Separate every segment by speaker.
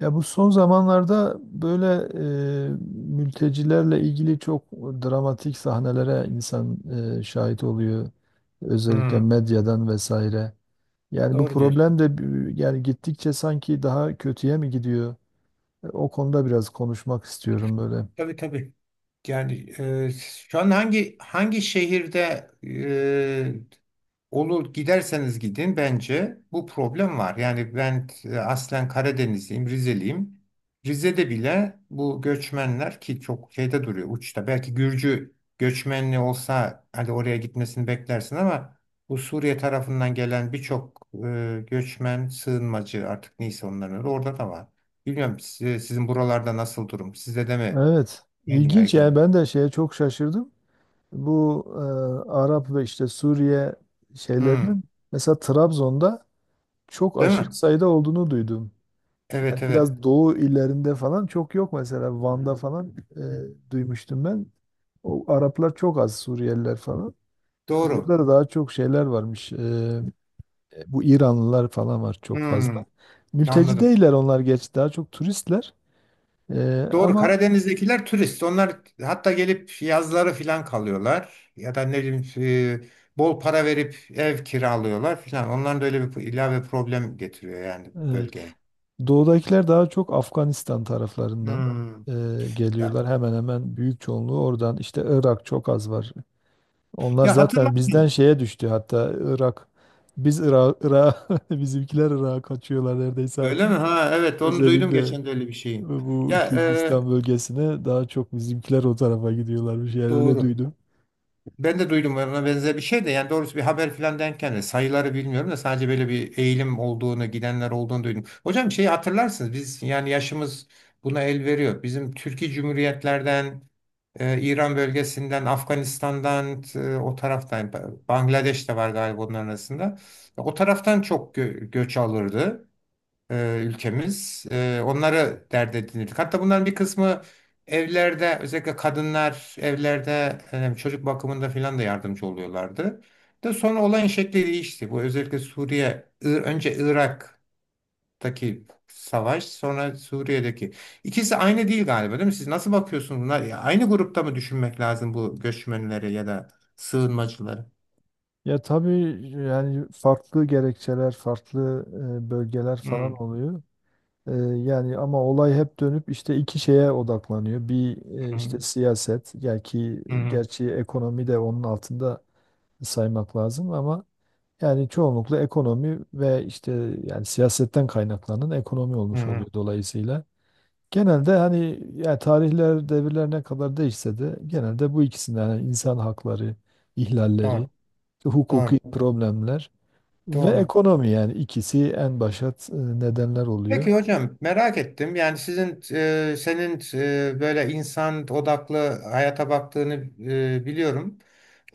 Speaker 1: Ya bu son zamanlarda böyle mültecilerle ilgili çok dramatik sahnelere insan şahit oluyor. Özellikle
Speaker 2: Hmm,
Speaker 1: medyadan vesaire. Yani bu
Speaker 2: doğru diyorsun.
Speaker 1: problem de yani gittikçe sanki daha kötüye mi gidiyor? O konuda biraz konuşmak istiyorum böyle.
Speaker 2: Tabii tabii. Yani e, şu an hangi şehirde olur giderseniz gidin bence bu problem var. Yani ben aslen Karadenizliyim, Rizeliyim. Rize'de bile bu göçmenler ki çok şeyde duruyor uçta. Belki Gürcü göçmenli olsa hadi oraya gitmesini beklersin ama bu Suriye tarafından gelen birçok göçmen, sığınmacı artık neyse onların öyle orada da var. Bilmiyorum sizin buralarda nasıl durum? Sizde de mi
Speaker 1: Evet,
Speaker 2: en
Speaker 1: ilginç yani
Speaker 2: yaygın?
Speaker 1: ben de şeye çok şaşırdım. Bu Arap ve işte Suriye
Speaker 2: Hmm,
Speaker 1: şeylerinin mesela Trabzon'da çok
Speaker 2: değil
Speaker 1: aşırı
Speaker 2: mi?
Speaker 1: sayıda olduğunu duydum. Yani
Speaker 2: Evet evet.
Speaker 1: biraz doğu illerinde falan çok yok mesela Van'da falan duymuştum ben. O Araplar çok az Suriyeliler falan. Tabii
Speaker 2: Doğru.
Speaker 1: burada da daha çok şeyler varmış. Bu İranlılar falan var çok fazla.
Speaker 2: Hmm,
Speaker 1: Mülteci
Speaker 2: anladım.
Speaker 1: değiller onlar geç daha çok turistler.
Speaker 2: Doğru.
Speaker 1: Ama
Speaker 2: Karadeniz'dekiler turist. Onlar hatta gelip yazları filan kalıyorlar. Ya da ne bileyim bol para verip ev kiralıyorlar filan. Onların da öyle bir ilave problem getiriyor yani
Speaker 1: e,
Speaker 2: bölgeye.
Speaker 1: doğudakiler daha çok Afganistan taraflarından
Speaker 2: Hmm.
Speaker 1: e,
Speaker 2: Ya,
Speaker 1: geliyorlar. Hemen hemen büyük çoğunluğu oradan. İşte Irak çok az var. Onlar
Speaker 2: ya
Speaker 1: zaten bizden
Speaker 2: hatırlarsın.
Speaker 1: şeye düştü hatta Irak. Biz Irak, Irak bizimkiler Irak'a kaçıyorlar neredeyse
Speaker 2: Öyle mi?
Speaker 1: artık.
Speaker 2: Ha evet onu duydum
Speaker 1: Özellikle
Speaker 2: geçen de öyle bir şeyi.
Speaker 1: bu
Speaker 2: Ya
Speaker 1: Kürdistan bölgesine daha çok bizimkiler o tarafa gidiyorlarmış. Yani öyle
Speaker 2: doğru.
Speaker 1: duydum.
Speaker 2: Ben de duydum ona benzer bir şey de yani doğrusu bir haber filan denken de sayıları bilmiyorum da sadece böyle bir eğilim olduğunu gidenler olduğunu duydum. Hocam şeyi hatırlarsınız biz yani yaşımız buna el veriyor. Bizim Türkiye Cumhuriyetlerden, İran bölgesinden, Afganistan'dan o taraftan Bangladeş de var galiba onların arasında. O taraftan çok göç alırdı ülkemiz. Onları dert edinirdik. Hatta bunların bir kısmı evlerde özellikle kadınlar evlerde çocuk bakımında filan da yardımcı oluyorlardı. De sonra olayın şekli değişti. Bu özellikle Suriye, önce Irak'taki savaş, sonra Suriye'deki. İkisi aynı değil galiba, değil mi? Siz nasıl bakıyorsunuz buna? Ya aynı grupta mı düşünmek lazım bu göçmenleri ya da sığınmacıları?
Speaker 1: Ya tabii yani farklı gerekçeler, farklı bölgeler
Speaker 2: Hı
Speaker 1: falan oluyor. E, yani ama olay hep dönüp işte iki şeye odaklanıyor. Bir işte
Speaker 2: hı
Speaker 1: siyaset, yani ki
Speaker 2: hı
Speaker 1: gerçi ekonomi de onun altında saymak lazım ama yani çoğunlukla ekonomi ve işte yani siyasetten kaynaklanan ekonomi
Speaker 2: hı.
Speaker 1: olmuş
Speaker 2: Hı.
Speaker 1: oluyor dolayısıyla. Genelde hani yani tarihler, devirler ne kadar değişse de genelde bu ikisinden yani insan hakları ihlalleri,
Speaker 2: Doğru,
Speaker 1: hukuki
Speaker 2: doğru,
Speaker 1: problemler ve
Speaker 2: doğru.
Speaker 1: ekonomi yani ikisi en başat nedenler oluyor.
Speaker 2: Peki hocam merak ettim. Yani sizin senin böyle insan odaklı hayata baktığını biliyorum.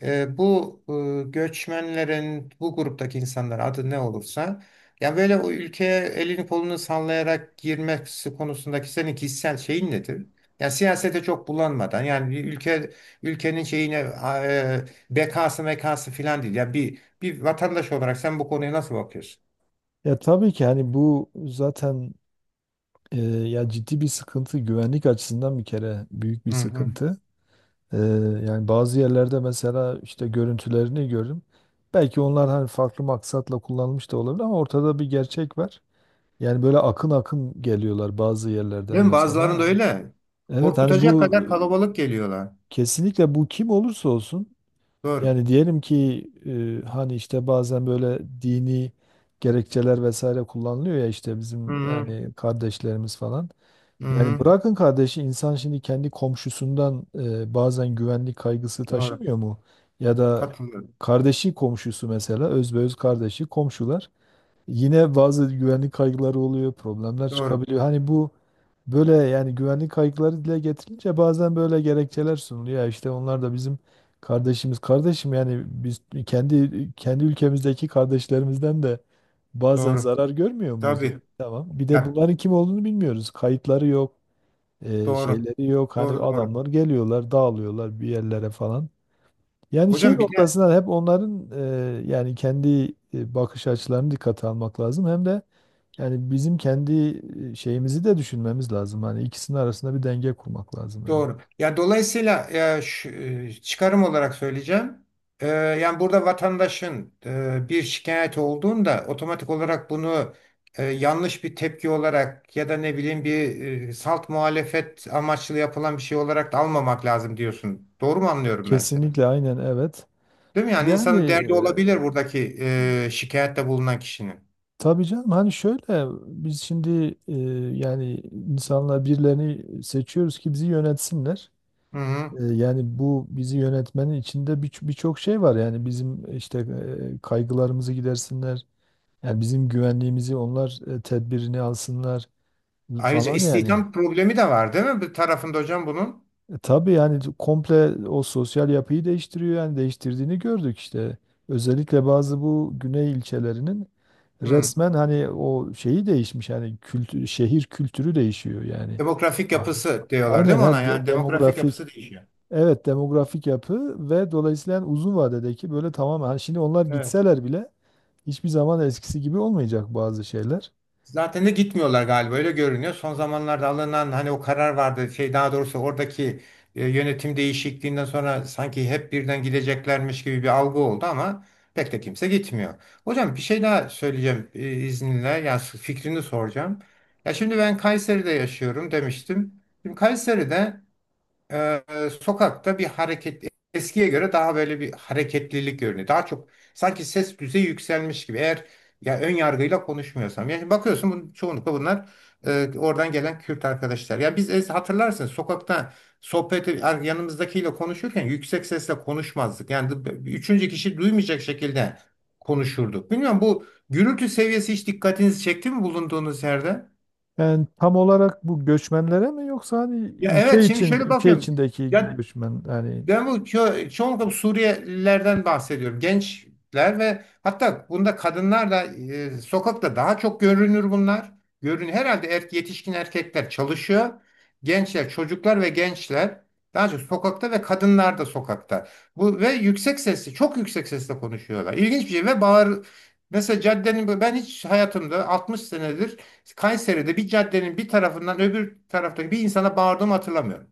Speaker 2: Bu göçmenlerin bu gruptaki insanlar adı ne olursa yani böyle o ülkeye elini kolunu sallayarak girmesi konusundaki senin kişisel şeyin nedir? Yani siyasete çok bulanmadan yani bir ülke ülkenin şeyine e, bekası mekası filan değil. Yani bir vatandaş olarak sen bu konuya nasıl bakıyorsun?
Speaker 1: Ya tabii ki hani bu zaten ya ciddi bir sıkıntı güvenlik açısından bir kere büyük bir
Speaker 2: Hı hı.
Speaker 1: sıkıntı. E, yani bazı yerlerde mesela işte görüntülerini gördüm. Belki onlar hani farklı maksatla kullanılmış da olabilir ama ortada bir gerçek var. Yani böyle akın akın geliyorlar bazı yerlerden
Speaker 2: Değil mi? Bazılarında
Speaker 1: mesela.
Speaker 2: öyle.
Speaker 1: Evet hani
Speaker 2: Korkutacak
Speaker 1: bu
Speaker 2: kadar kalabalık geliyorlar.
Speaker 1: kesinlikle bu kim olursa olsun.
Speaker 2: Doğru.
Speaker 1: Yani diyelim ki hani işte bazen böyle dini gerekçeler vesaire kullanılıyor ya işte
Speaker 2: Hı
Speaker 1: bizim
Speaker 2: hı.
Speaker 1: yani kardeşlerimiz falan.
Speaker 2: Hı
Speaker 1: Yani
Speaker 2: hı.
Speaker 1: bırakın kardeşi insan şimdi kendi komşusundan bazen güvenlik kaygısı
Speaker 2: Doğru.
Speaker 1: taşımıyor mu? Ya da
Speaker 2: Katılıyorum.
Speaker 1: kardeşi komşusu mesela özbeöz kardeşi komşular. Yine bazı güvenlik kaygıları oluyor, problemler
Speaker 2: Doğru.
Speaker 1: çıkabiliyor. Hani bu böyle yani güvenlik kaygıları dile getirince bazen böyle gerekçeler sunuluyor. Ya İşte onlar da bizim kardeşimiz. Kardeşim yani biz kendi ülkemizdeki kardeşlerimizden de bazen
Speaker 2: Doğru.
Speaker 1: zarar görmüyor muyuz yani?
Speaker 2: Tabii.
Speaker 1: Tamam. Bir de
Speaker 2: Ya,
Speaker 1: bunların kim olduğunu bilmiyoruz. Kayıtları yok,
Speaker 2: doğru.
Speaker 1: şeyleri yok. Hani
Speaker 2: Doğru doğru.
Speaker 1: adamlar geliyorlar, dağılıyorlar bir yerlere falan. Yani şey
Speaker 2: Hocam bir de
Speaker 1: noktasından hep onların yani kendi bakış açılarını dikkate almak lazım. Hem de yani bizim kendi şeyimizi de düşünmemiz lazım. Hani ikisinin arasında bir denge kurmak lazım yani.
Speaker 2: doğru. Ya dolayısıyla e, şu- çıkarım olarak söyleyeceğim. Yani burada vatandaşın bir şikayet olduğunda otomatik olarak bunu yanlış bir tepki olarak ya da ne bileyim bir salt muhalefet amaçlı yapılan bir şey olarak da almamak lazım diyorsun. Doğru mu anlıyorum ben seni?
Speaker 1: Kesinlikle aynen evet.
Speaker 2: Değil mi? Yani
Speaker 1: Yani
Speaker 2: insanın derdi olabilir buradaki şikayette bulunan kişinin.
Speaker 1: tabii canım hani şöyle biz şimdi yani insanlar birilerini seçiyoruz ki bizi yönetsinler.
Speaker 2: Hı hı.
Speaker 1: Yani bu bizi yönetmenin içinde birçok şey var. Yani bizim işte kaygılarımızı gidersinler. Yani bizim güvenliğimizi onlar tedbirini alsınlar
Speaker 2: Ayrıca
Speaker 1: falan yani.
Speaker 2: istihdam problemi de var değil mi? Bir tarafında hocam bunun.
Speaker 1: Tabii yani komple o sosyal yapıyı değiştiriyor yani değiştirdiğini gördük işte. Özellikle bazı bu güney ilçelerinin
Speaker 2: Hı.
Speaker 1: resmen hani o şeyi değişmiş yani kültür, şehir kültürü değişiyor yani.
Speaker 2: Demografik
Speaker 1: Aynen.
Speaker 2: yapısı diyorlar değil
Speaker 1: Aynen
Speaker 2: mi ona?
Speaker 1: ha,
Speaker 2: Yani demografik
Speaker 1: demografik
Speaker 2: yapısı değişiyor.
Speaker 1: evet demografik yapı ve dolayısıyla yani uzun vadedeki böyle tamamen hani şimdi onlar
Speaker 2: Evet.
Speaker 1: gitseler bile hiçbir zaman eskisi gibi olmayacak bazı şeyler.
Speaker 2: Zaten de gitmiyorlar galiba öyle görünüyor. Son zamanlarda alınan hani o karar vardı şey daha doğrusu oradaki yönetim değişikliğinden sonra sanki hep birden gideceklermiş gibi bir algı oldu ama pek de kimse gitmiyor. Hocam bir şey daha söyleyeceğim izninle yani fikrini soracağım. Ya şimdi ben Kayseri'de yaşıyorum demiştim. Şimdi Kayseri'de e, sokakta bir hareket eskiye göre daha böyle bir hareketlilik görünüyor. Daha çok sanki ses düzeyi yükselmiş gibi. Eğer ya ön yargıyla konuşmuyorsam. Yani bakıyorsun bunun, çoğunlukla bunlar oradan gelen Kürt arkadaşlar. Ya biz hatırlarsınız sokakta sohbet yanımızdakiyle konuşurken yüksek sesle konuşmazdık. Yani üçüncü kişi duymayacak şekilde konuşurduk. Bilmiyorum bu gürültü seviyesi hiç dikkatinizi çekti mi bulunduğunuz yerde?
Speaker 1: Yani tam olarak bu göçmenlere mi yoksa hani
Speaker 2: Ya evet
Speaker 1: ülke
Speaker 2: şimdi
Speaker 1: için
Speaker 2: şöyle
Speaker 1: ülke
Speaker 2: bakıyorum.
Speaker 1: içindeki
Speaker 2: Ya
Speaker 1: göçmen yani
Speaker 2: ben bu çoğunlukla bu Suriyelilerden bahsediyorum. Gençler ve hatta bunda kadınlar da sokakta daha çok görünür bunlar. Görün herhalde yetişkin erkekler çalışıyor. Gençler, çocuklar ve gençler daha çok sokakta ve kadınlar da sokakta. Bu ve yüksek sesli, çok yüksek sesle konuşuyorlar. İlginç bir şey ve bağır mesela caddenin ben hiç hayatımda 60 senedir Kayseri'de bir caddenin bir tarafından öbür taraftaki bir insana bağırdığımı hatırlamıyorum.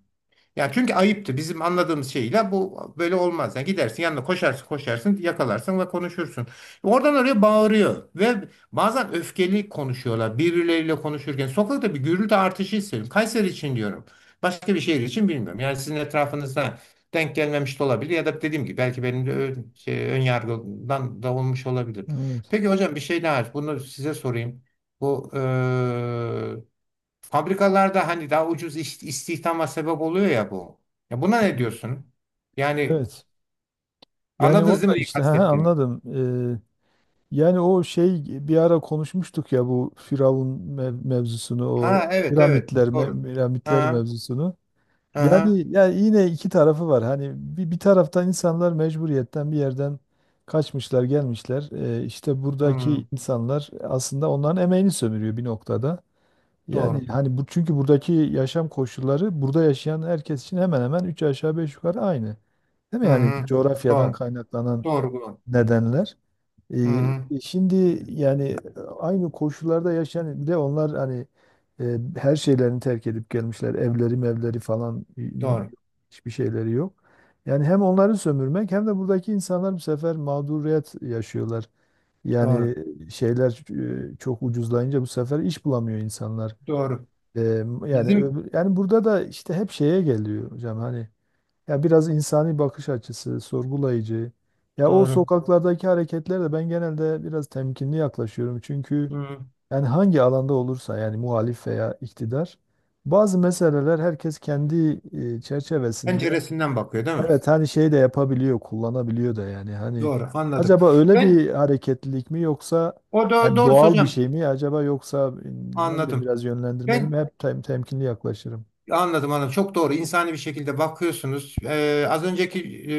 Speaker 2: Ya çünkü ayıptı. Bizim anladığımız şeyle bu böyle olmaz. Yani gidersin yanına koşarsın yakalarsın ve konuşursun. Oradan oraya bağırıyor ve bazen öfkeli konuşuyorlar birbirleriyle konuşurken. Sokakta bir gürültü artışı hissediyorum. Kayseri için diyorum. Başka bir şehir için bilmiyorum. Yani sizin etrafınızda denk gelmemiş de olabilir ya da dediğim gibi belki benim de ön yargıdan da olmuş olabilir.
Speaker 1: evet.
Speaker 2: Peki hocam bir şey daha bunu size sorayım. Bu fabrikalarda hani daha ucuz istihdama sebep oluyor ya bu. Ya buna ne diyorsun? Yani
Speaker 1: Evet. Yani o
Speaker 2: anladınız değil
Speaker 1: da
Speaker 2: mi neyi
Speaker 1: işte ha, ha,
Speaker 2: kastettiğimi?
Speaker 1: anladım. Ee, yani o şey bir ara konuşmuştuk ya bu Firavun mevzusunu o
Speaker 2: Ha evet evet
Speaker 1: piramitler
Speaker 2: doğru.
Speaker 1: piramitler
Speaker 2: Ha
Speaker 1: mevzusunu.
Speaker 2: aha
Speaker 1: Yani yine iki tarafı var. Hani bir taraftan insanlar mecburiyetten bir yerden kaçmışlar, gelmişler. İşte
Speaker 2: hmm,
Speaker 1: buradaki insanlar aslında onların emeğini sömürüyor bir noktada. Yani
Speaker 2: doğru.
Speaker 1: hani bu çünkü buradaki yaşam koşulları burada yaşayan herkes için hemen hemen üç aşağı beş yukarı aynı. Değil mi?
Speaker 2: Hı
Speaker 1: Yani
Speaker 2: hı,
Speaker 1: coğrafyadan
Speaker 2: doğru.
Speaker 1: kaynaklanan
Speaker 2: Doğru doğru.
Speaker 1: nedenler.
Speaker 2: Hı hı,
Speaker 1: Ee, şimdi yani aynı koşullarda yaşayan bir de onlar hani her şeylerini terk edip gelmişler. Evleri mevleri falan
Speaker 2: doğru
Speaker 1: hiçbir şeyleri yok. Yani hem onları sömürmek hem de buradaki insanlar bu sefer mağduriyet yaşıyorlar. Yani
Speaker 2: doğru
Speaker 1: şeyler çok ucuzlayınca bu sefer iş bulamıyor insanlar.
Speaker 2: doğru.
Speaker 1: E, yani
Speaker 2: Bizim
Speaker 1: yani burada da işte hep şeye geliyor hocam hani ya biraz insani bakış açısı, sorgulayıcı. Ya o
Speaker 2: doğru.
Speaker 1: sokaklardaki hareketlerle ben genelde biraz temkinli yaklaşıyorum. Çünkü
Speaker 2: Hı.
Speaker 1: yani hangi alanda olursa yani muhalif veya iktidar bazı meseleler herkes kendi çerçevesinde
Speaker 2: Penceresinden bakıyor değil mi?
Speaker 1: evet hani şey de yapabiliyor, kullanabiliyor da yani hani
Speaker 2: Doğru anladım.
Speaker 1: acaba öyle
Speaker 2: Ben
Speaker 1: bir hareketlilik mi yoksa
Speaker 2: o da
Speaker 1: yani
Speaker 2: doğru
Speaker 1: doğal bir
Speaker 2: hocam
Speaker 1: şey mi acaba yoksa ne bileyim
Speaker 2: anladım.
Speaker 1: biraz yönlendirmeli
Speaker 2: Ben
Speaker 1: mi? Hep temkinli yaklaşırım.
Speaker 2: anladım anladım. Çok doğru. İnsani bir şekilde bakıyorsunuz. Az önceki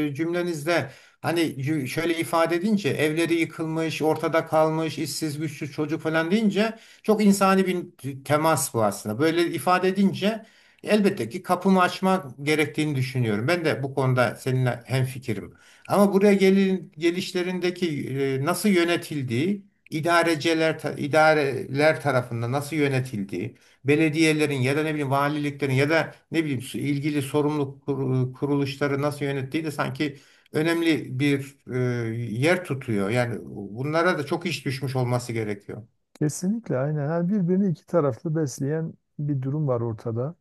Speaker 2: cümlenizde hani şöyle ifade edince evleri yıkılmış, ortada kalmış, işsiz güçsüz çocuk falan deyince çok insani bir temas bu aslında. Böyle ifade edince elbette ki kapımı açmak gerektiğini düşünüyorum. Ben de bu konuda seninle hemfikirim. Ama buraya gelin, gelişlerindeki nasıl yönetildiği, idareciler, idareler tarafından nasıl yönetildiği belediyelerin ya da ne bileyim valiliklerin ya da ne bileyim ilgili sorumlu kuruluşları nasıl yönettiği de sanki önemli bir yer tutuyor. Yani bunlara da çok iş düşmüş olması gerekiyor.
Speaker 1: Kesinlikle aynen. Yani birbirini iki taraflı besleyen bir durum var ortada.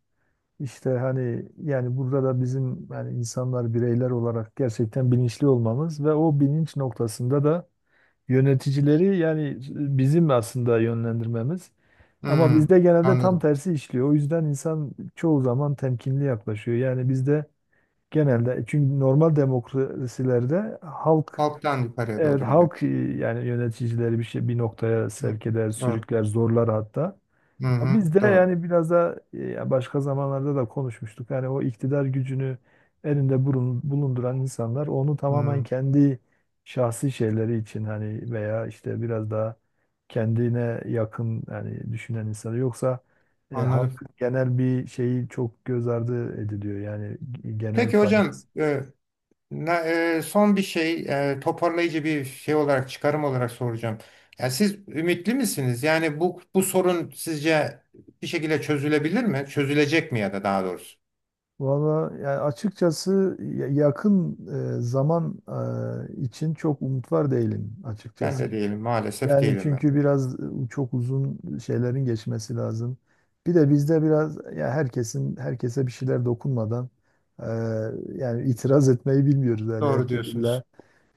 Speaker 1: İşte hani yani burada da bizim yani insanlar bireyler olarak gerçekten bilinçli olmamız ve o bilinç noktasında da yöneticileri yani bizim aslında yönlendirmemiz. Ama
Speaker 2: Hmm,
Speaker 1: bizde genelde tam
Speaker 2: anladım.
Speaker 1: tersi işliyor. O yüzden insan çoğu zaman temkinli yaklaşıyor. Yani bizde genelde çünkü normal demokrasilerde halk
Speaker 2: Halktan yukarıya
Speaker 1: evet
Speaker 2: doğru gidiyor.
Speaker 1: halk yani yöneticileri bir şey bir noktaya
Speaker 2: Hı,
Speaker 1: sevk eder,
Speaker 2: doğru.
Speaker 1: sürükler, zorlar hatta.
Speaker 2: Hı hı,
Speaker 1: Biz de
Speaker 2: doğru.
Speaker 1: yani biraz da başka zamanlarda da konuşmuştuk. Yani o iktidar gücünü elinde bulunduran insanlar onu
Speaker 2: Hmm,
Speaker 1: tamamen kendi şahsi şeyleri için hani veya işte biraz daha kendine yakın yani düşünen insanı yoksa
Speaker 2: anladım.
Speaker 1: halkın genel bir şeyi çok göz ardı ediliyor yani genel
Speaker 2: Peki hocam,
Speaker 1: faydası.
Speaker 2: Na- son bir şey toparlayıcı bir şey olarak çıkarım olarak soracağım. Ya siz ümitli misiniz? Yani bu sorun sizce bir şekilde çözülebilir mi? Çözülecek mi ya da daha doğrusu?
Speaker 1: Valla yani açıkçası yakın zaman için çok umut var değilim
Speaker 2: Ben de
Speaker 1: açıkçası.
Speaker 2: değilim maalesef
Speaker 1: Yani
Speaker 2: değilim ben
Speaker 1: çünkü
Speaker 2: de.
Speaker 1: biraz çok uzun şeylerin geçmesi lazım. Bir de bizde biraz ya herkesin herkese bir şeyler dokunmadan e, yani itiraz etmeyi bilmiyoruz yani
Speaker 2: Doğru
Speaker 1: herkes illa
Speaker 2: diyorsunuz.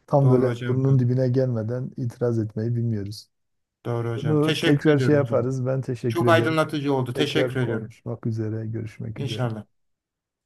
Speaker 1: tam
Speaker 2: Doğru
Speaker 1: böyle
Speaker 2: hocam.
Speaker 1: burnunun dibine gelmeden itiraz etmeyi bilmiyoruz.
Speaker 2: Doğru hocam.
Speaker 1: Bunu
Speaker 2: Teşekkür
Speaker 1: tekrar şey
Speaker 2: ediyorum hocam.
Speaker 1: yaparız. Ben teşekkür
Speaker 2: Çok
Speaker 1: ederim.
Speaker 2: aydınlatıcı oldu.
Speaker 1: Tekrar
Speaker 2: Teşekkür ediyorum.
Speaker 1: konuşmak üzere, görüşmek üzere.
Speaker 2: İnşallah.